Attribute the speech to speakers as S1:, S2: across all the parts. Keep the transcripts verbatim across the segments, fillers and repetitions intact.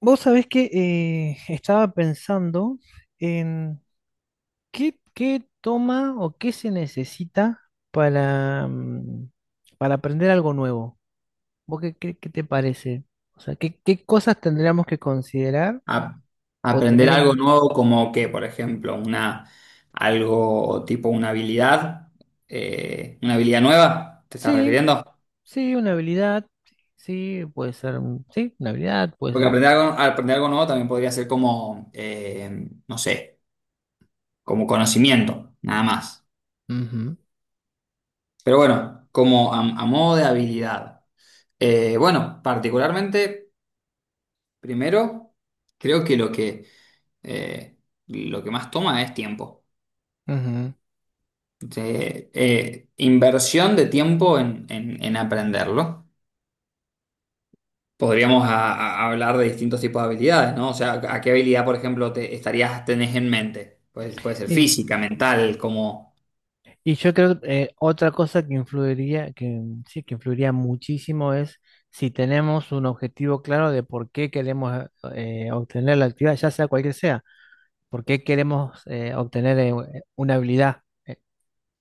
S1: Vos sabés que eh, estaba pensando en qué, qué toma o qué se necesita para, mm, para aprender algo nuevo. ¿Vos qué, qué- qué te parece? O sea, ¿qué, qué cosas tendríamos que considerar
S2: A-
S1: o
S2: Aprender
S1: tener
S2: algo
S1: en...
S2: nuevo como que, por ejemplo, una, algo tipo una habilidad, eh, una habilidad nueva, ¿te estás
S1: Sí,
S2: refiriendo?
S1: sí, una habilidad, sí, puede ser, un- sí, una habilidad, puede ser...
S2: Porque
S1: un-
S2: aprender algo, aprender algo nuevo también podría ser como, eh, no sé, como conocimiento, nada más.
S1: Ujú,
S2: Pero bueno, como a, a modo de habilidad. Eh, bueno, particularmente, primero, creo que lo que, eh, lo que más toma es tiempo.
S1: ujú.
S2: de, eh, inversión de tiempo en, en- en aprenderlo. Podríamos a- a- hablar de distintos tipos de habilidades, ¿no? O sea, ¿a qué habilidad, por ejemplo, te estarías, tenés en mente? Pues, puede ser física, mental, como
S1: Y yo creo eh, otra cosa que influiría, que mm, sí, que influiría muchísimo es si tenemos un objetivo claro de por qué queremos eh, eh, obtener la actividad, ya sea cualquier sea, por qué queremos eh, obtener eh, una habilidad, eh,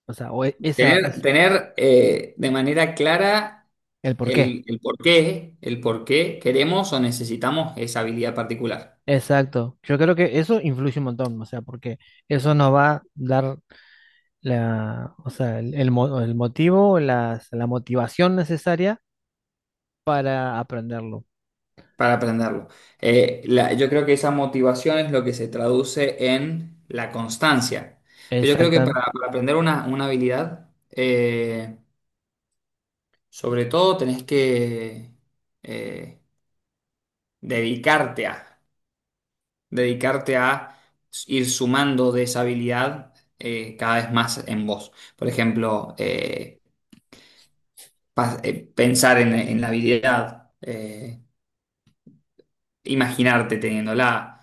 S1: o sea, o e- esa
S2: tener,
S1: es
S2: tener eh, de manera clara
S1: el por qué.
S2: el, el por qué, el por qué queremos o necesitamos esa habilidad particular.
S1: Exacto. Yo creo que eso influye un montón, o sea, porque eso nos va a dar la, o sea, el, el mo- el motivo, las- la motivación necesaria para aprenderlo.
S2: Para aprenderlo. Eh, la- yo creo que esa motivación es lo que se traduce en la constancia. Yo creo que
S1: Exactamente.
S2: para, para aprender una, una habilidad, eh, sobre todo tenés que eh, dedicarte a, dedicarte a ir sumando de esa habilidad eh, cada vez más en vos. Por ejemplo, eh, pas- eh, pensar en, en la habilidad. eh, imaginarte teniéndola,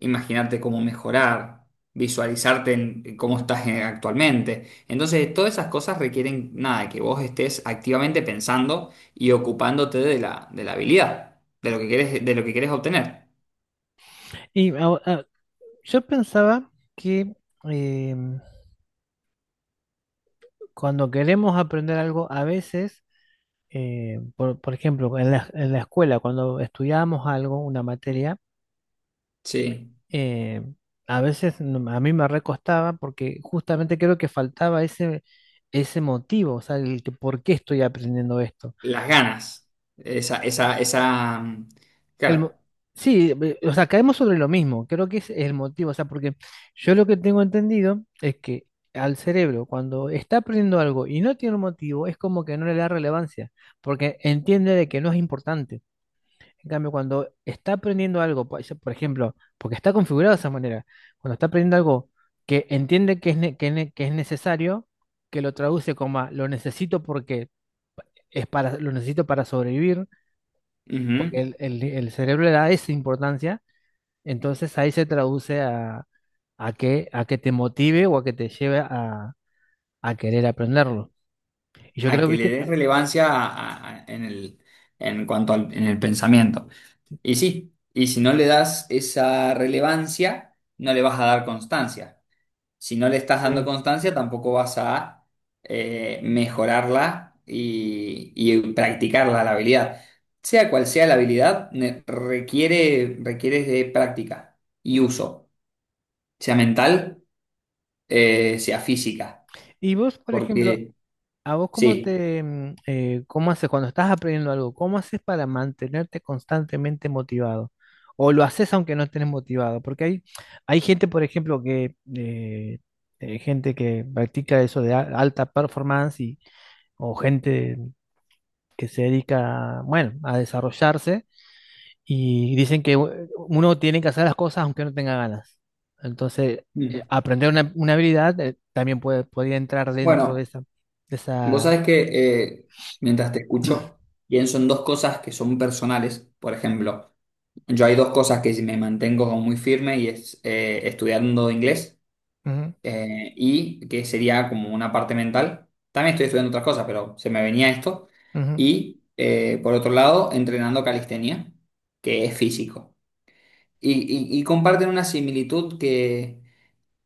S2: imaginarte cómo mejorar, visualizarte en en cómo estás eh, actualmente. Entonces, todas esas cosas requieren, nada, que vos estés activamente pensando y ocupándote de la, de la habilidad, de lo que querés, de lo que querés obtener.
S1: Y a- a- Yo pensaba que eh, cuando queremos aprender algo, a veces, eh, por, por ejemplo, en la, en la escuela, cuando estudiábamos algo, una materia,
S2: Sí,
S1: eh, a veces no- a mí me recostaba porque justamente creo que faltaba ese, ese motivo, o sea, el que, ¿por qué estoy aprendiendo esto?
S2: las ganas. Esa, esa, esa, mm,
S1: El,
S2: claro,
S1: mo- sí, ve- o sea, caemos sobre lo mismo, creo que ese es el motivo, o sea, porque yo lo que tengo entendido es que al cerebro, cuando está aprendiendo algo y no tiene un motivo, es como que no le da relevancia, porque entiende de que no es importante. En cambio, cuando está aprendiendo algo, por por ejemplo, porque está configurado de esa manera, cuando está aprendiendo algo que entiende que es, ne- que ne- que es necesario, que lo traduce como a, lo necesito porque es para, lo necesito para sobrevivir, porque
S2: ujú.
S1: el el- el cerebro le da esa importancia, entonces ahí se traduce a, a que, a que te motive o a que te lleve a, a querer aprenderlo. Y yo
S2: A
S1: creo,
S2: que le
S1: viste,
S2: des relevancia a- a- en el, en cuanto al, en el pensamiento. Y sí, y si no le das esa relevancia, no le vas a dar constancia. Si no le estás dando
S1: sí.
S2: constancia, tampoco vas a eh, mejorarla y, y practicarla, la habilidad. Sea cual sea la habilidad, ne- requiere, requiere de práctica y uso, sea mental, eh, sea física.
S1: Y vos, por ejemplo,
S2: Porque,
S1: ¿a vos cómo
S2: sí.
S1: te, mm, eh, cómo haces cuando estás aprendiendo algo? ¿Cómo haces para mantenerte constantemente motivado? ¿O lo haces aunque no estés motivado? Porque hay, hay gente, por ejemplo, que, eh, eh, gente que practica eso de a- alta performance, y o gente que se dedica, bueno, a desarrollarse. Y dicen que u- uno tiene que hacer las cosas aunque no tenga ganas. Entonces, eh,
S2: Mm.
S1: aprender una, una habilidad eh, también puede, podría entrar dentro de
S2: Bueno,
S1: esa, de
S2: vos
S1: esa...
S2: sabés que eh, mientras te escucho, pienso en dos cosas que son personales, por ejemplo. Yo hay dos cosas que me mantengo como muy firme y es eh, estudiando inglés
S1: Ujú,
S2: eh, y que sería como una parte mental. También estoy estudiando otras cosas, pero se me venía esto.
S1: ujú.
S2: Y eh, por otro lado, entrenando calistenia, que es físico. Y, y- y comparten una similitud que,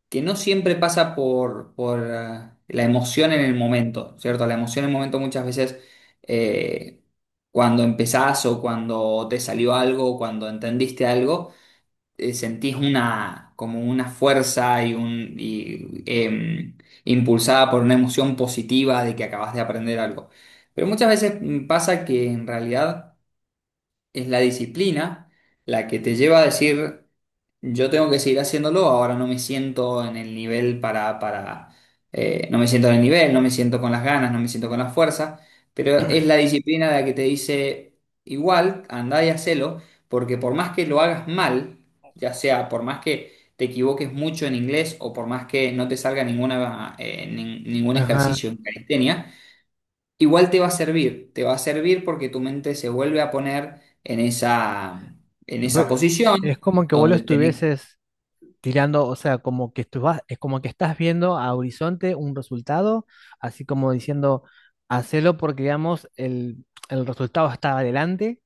S2: que no siempre pasa por, por eh, la emoción en el momento, ¿cierto? La emoción en el momento muchas veces, eh, cuando empezás o cuando te salió algo, o cuando entendiste algo, eh, sentís una, como una fuerza y un, y, em, impulsada por una emoción positiva de que acabas de aprender algo. Pero muchas veces mm, pasa que en realidad es la disciplina la que te lleva a decir, yo tengo que seguir haciéndolo, ahora no me siento en el nivel para, para, eh, no me siento en el nivel, no me siento con las ganas, no me siento con la fuerza, pero es la disciplina la que te dice, igual, andá y hacelo, porque por más que lo hagas mal, ya sea por más que te equivoques mucho en inglés o por más que no te salga ninguna, eh, nin- ningún
S1: Ajá.
S2: ejercicio en calistenia, igual te va a servir, te va a servir porque tu mente se vuelve a poner en esa, en esa
S1: Pero
S2: posición
S1: es como que vos lo
S2: donde tenés.
S1: estuvieses tirando, o sea, como que estu- vas- es como que estás viendo a horizonte un resultado, así como diciendo, hacelo porque, digamos, el, el resultado está adelante,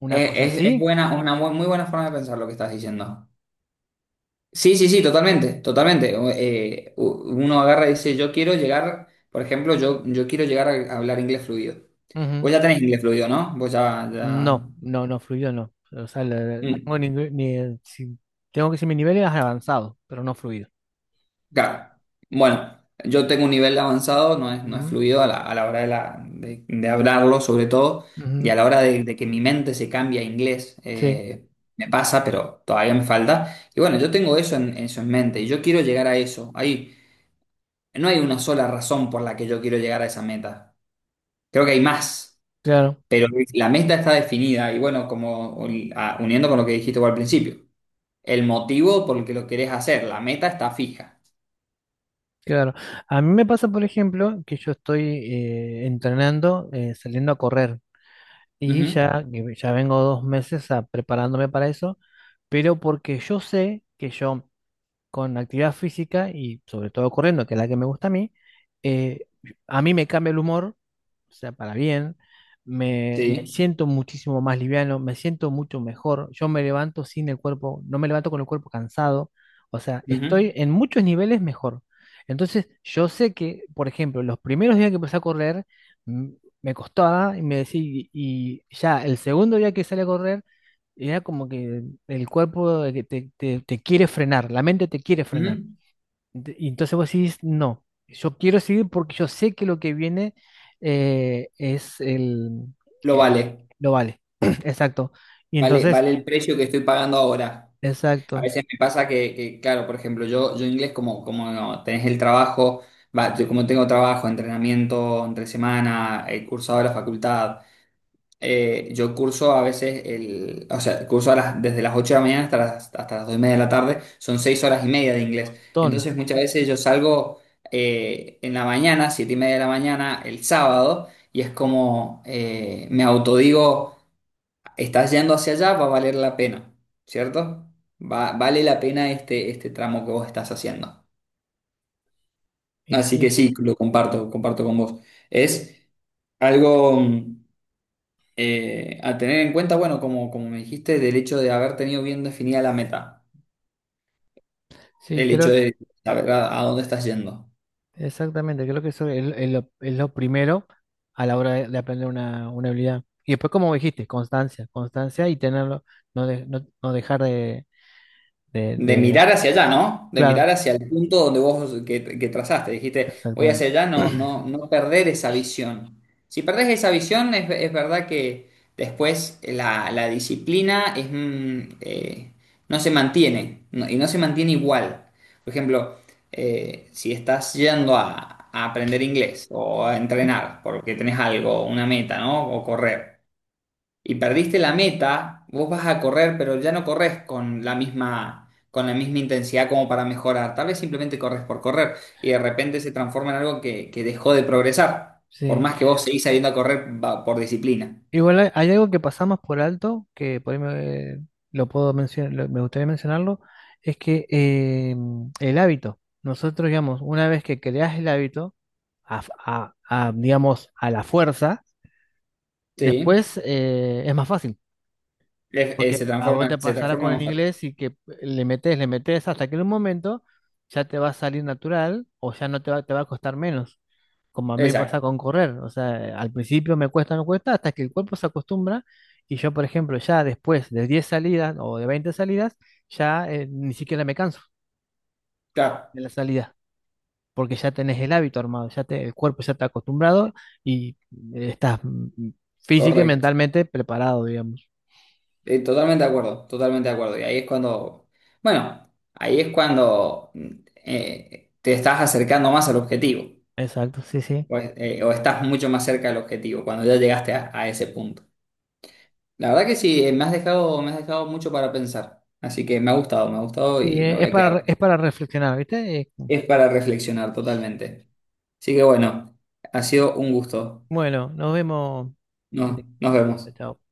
S1: una
S2: Es,
S1: cosa
S2: es- es
S1: así.
S2: buena, una bu- muy buena forma de pensar lo que estás diciendo. Sí, sí, sí, totalmente, totalmente. O- eh, u- uno agarra y dice, yo quiero llegar, por ejemplo, yo, yo quiero llegar a hablar inglés fluido. Vos ya tenés inglés fluido, ¿no? Vos ya, ya...
S1: No, no, no, fluido no. O sea, la- tengo
S2: Mm,
S1: ningú- ni, si- tengo que decir mi nivel es avanzado, pero no fluido.
S2: claro. Bueno, yo tengo un nivel avanzado, no es, no es
S1: Ujú,
S2: fluido a la, a la hora de, la, de, de hablarlo, sobre todo, y a
S1: ujú,
S2: la hora de, de que mi mente se cambie a inglés.
S1: sí,
S2: eh, me pasa, pero todavía me falta. Y bueno, yo tengo eso en, eso en mente y yo quiero llegar a eso. Ahí. No hay una sola razón por la que yo quiero llegar a esa meta. Creo que hay más,
S1: claro,
S2: pero la meta está definida y bueno, como un- a- uniendo con lo que dijiste vos al principio, el motivo por el que lo querés hacer, la meta está fija.
S1: claro. A mí me pasa, por ejemplo, que yo estoy eh, entrenando, eh, saliendo a correr, y
S2: Ujú.
S1: ya, que ya vengo dos meses a- preparándome para eso, pero porque yo sé que yo con actividad física y sobre todo corriendo, que es la que me gusta a mí, eh, a mí me cambia el humor, o sea, para bien. Me, me
S2: Sí.
S1: siento muchísimo más liviano, me siento mucho mejor. Yo me levanto sin el cuerpo, no me levanto con el cuerpo cansado. O sea, estoy
S2: Ujú,
S1: en muchos niveles mejor. Entonces, yo sé que, por ejemplo, los primeros días que empecé a correr, mm, me costaba, y me decía, y y ya el segundo día que salí a correr, era como que el cuerpo, de que te, te te quiere frenar, la mente te quiere frenar.
S2: ujú.
S1: De- Y entonces vos decís, no, yo quiero seguir porque yo sé que lo que viene eh, es el,
S2: Lo
S1: el-
S2: vale,
S1: Lo vale. Exacto. Y
S2: vale,
S1: entonces,
S2: vale el precio que estoy pagando ahora. A
S1: exacto,
S2: veces me pasa que, que, claro, por ejemplo, yo, yo inglés como, como no, tenés el trabajo, va, yo como tengo trabajo, entrenamiento entre semana, el cursado de la facultad. Eh, yo curso a veces, el, o sea, curso a las- desde las ocho de la mañana hasta las, hasta las dos y media de la tarde, son seis horas y media de inglés.
S1: ton.
S2: Entonces muchas veces yo salgo eh, en la mañana, siete y media de la mañana, el sábado, y es como eh, me autodigo, estás yendo hacia allá, va a valer la pena, ¿cierto? Va- vale la pena este, este tramo que vos estás haciendo.
S1: Y
S2: Así que
S1: sí,
S2: sí, lo comparto, comparto con vos. Es algo, mm, eh, a tener en cuenta, bueno, como, como me dijiste, del hecho de haber tenido bien definida la meta,
S1: sí,
S2: el hecho
S1: creo,
S2: de saber a, a dónde estás yendo.
S1: exactamente, creo que eso es, lo es lo, es lo primero a la hora de, de aprender una, una habilidad. Y después, como dijiste, constancia, constancia y tenerlo, no, de- no, no dejar de, de,
S2: De
S1: de-
S2: mirar hacia allá, ¿no? De
S1: Claro,
S2: mirar hacia el punto donde vos que, que trazaste. Dijiste, voy
S1: exactamente.
S2: hacia allá, no, no, no perder esa visión. Si perdés esa visión, es, es verdad que después la, la disciplina es, mm, eh, no se mantiene, no- y no se mantiene igual. Por ejemplo, eh, si estás yendo a, a aprender inglés o a entrenar porque tenés algo, una meta, ¿no? O correr y perdiste la meta, vos vas a correr, pero ya no corres con la misma, con la misma intensidad como para mejorar. Tal vez simplemente corres por correr y de repente se transforma en algo que, que dejó de progresar, por
S1: Sí.
S2: más que vos seguís saliendo a correr va- por disciplina.
S1: Igual hay, hay algo que pasamos por alto, que por ahí me, lo puedo mencionar, lo- me gustaría mencionarlo, es que eh, el hábito, nosotros digamos, una vez que creas el hábito, a, a- a, digamos, a la fuerza,
S2: Sí.
S1: después eh, es más fácil,
S2: Es-
S1: porque
S2: es- se
S1: a vos
S2: transforma,
S1: te
S2: se
S1: pasará
S2: transforma
S1: con el
S2: más fácil.
S1: inglés, y que le metes, le metes hasta que en un momento ya te va a salir natural, o ya no te va, te va a costar menos, como a mí me pasa
S2: Exacto,
S1: con correr. O sea, al principio me cuesta, me cuesta, hasta que el cuerpo se acostumbra y yo, por ejemplo, ya después de diez salidas o de veinte salidas, ya eh, ni siquiera me canso
S2: claro,
S1: de la salida, porque ya tenés el hábito armado, ya te, el cuerpo ya está acostumbrado y eh, estás mm, física y
S2: correcto.
S1: mentalmente preparado, digamos.
S2: Eh, totalmente de acuerdo, totalmente de acuerdo. Y ahí es cuando, bueno, ahí es cuando mm, eh, te estás acercando más al objetivo.
S1: Exacto, sí, sí.
S2: O, es- eh, o estás mucho más cerca del objetivo cuando ya llegaste a, a ese punto. La verdad que sí, eh, me has dejado, me has dejado mucho para pensar. Así que me ha gustado, me ha gustado
S1: Sí,
S2: y me
S1: eh,
S2: voy
S1: es
S2: a
S1: para,
S2: quedar.
S1: re- es para reflexionar, ¿viste? Eh,
S2: Es para reflexionar totalmente. Así que bueno, ha sido un gusto.
S1: bueno, nos vemos. Santi.
S2: No, nos vemos.
S1: Chao.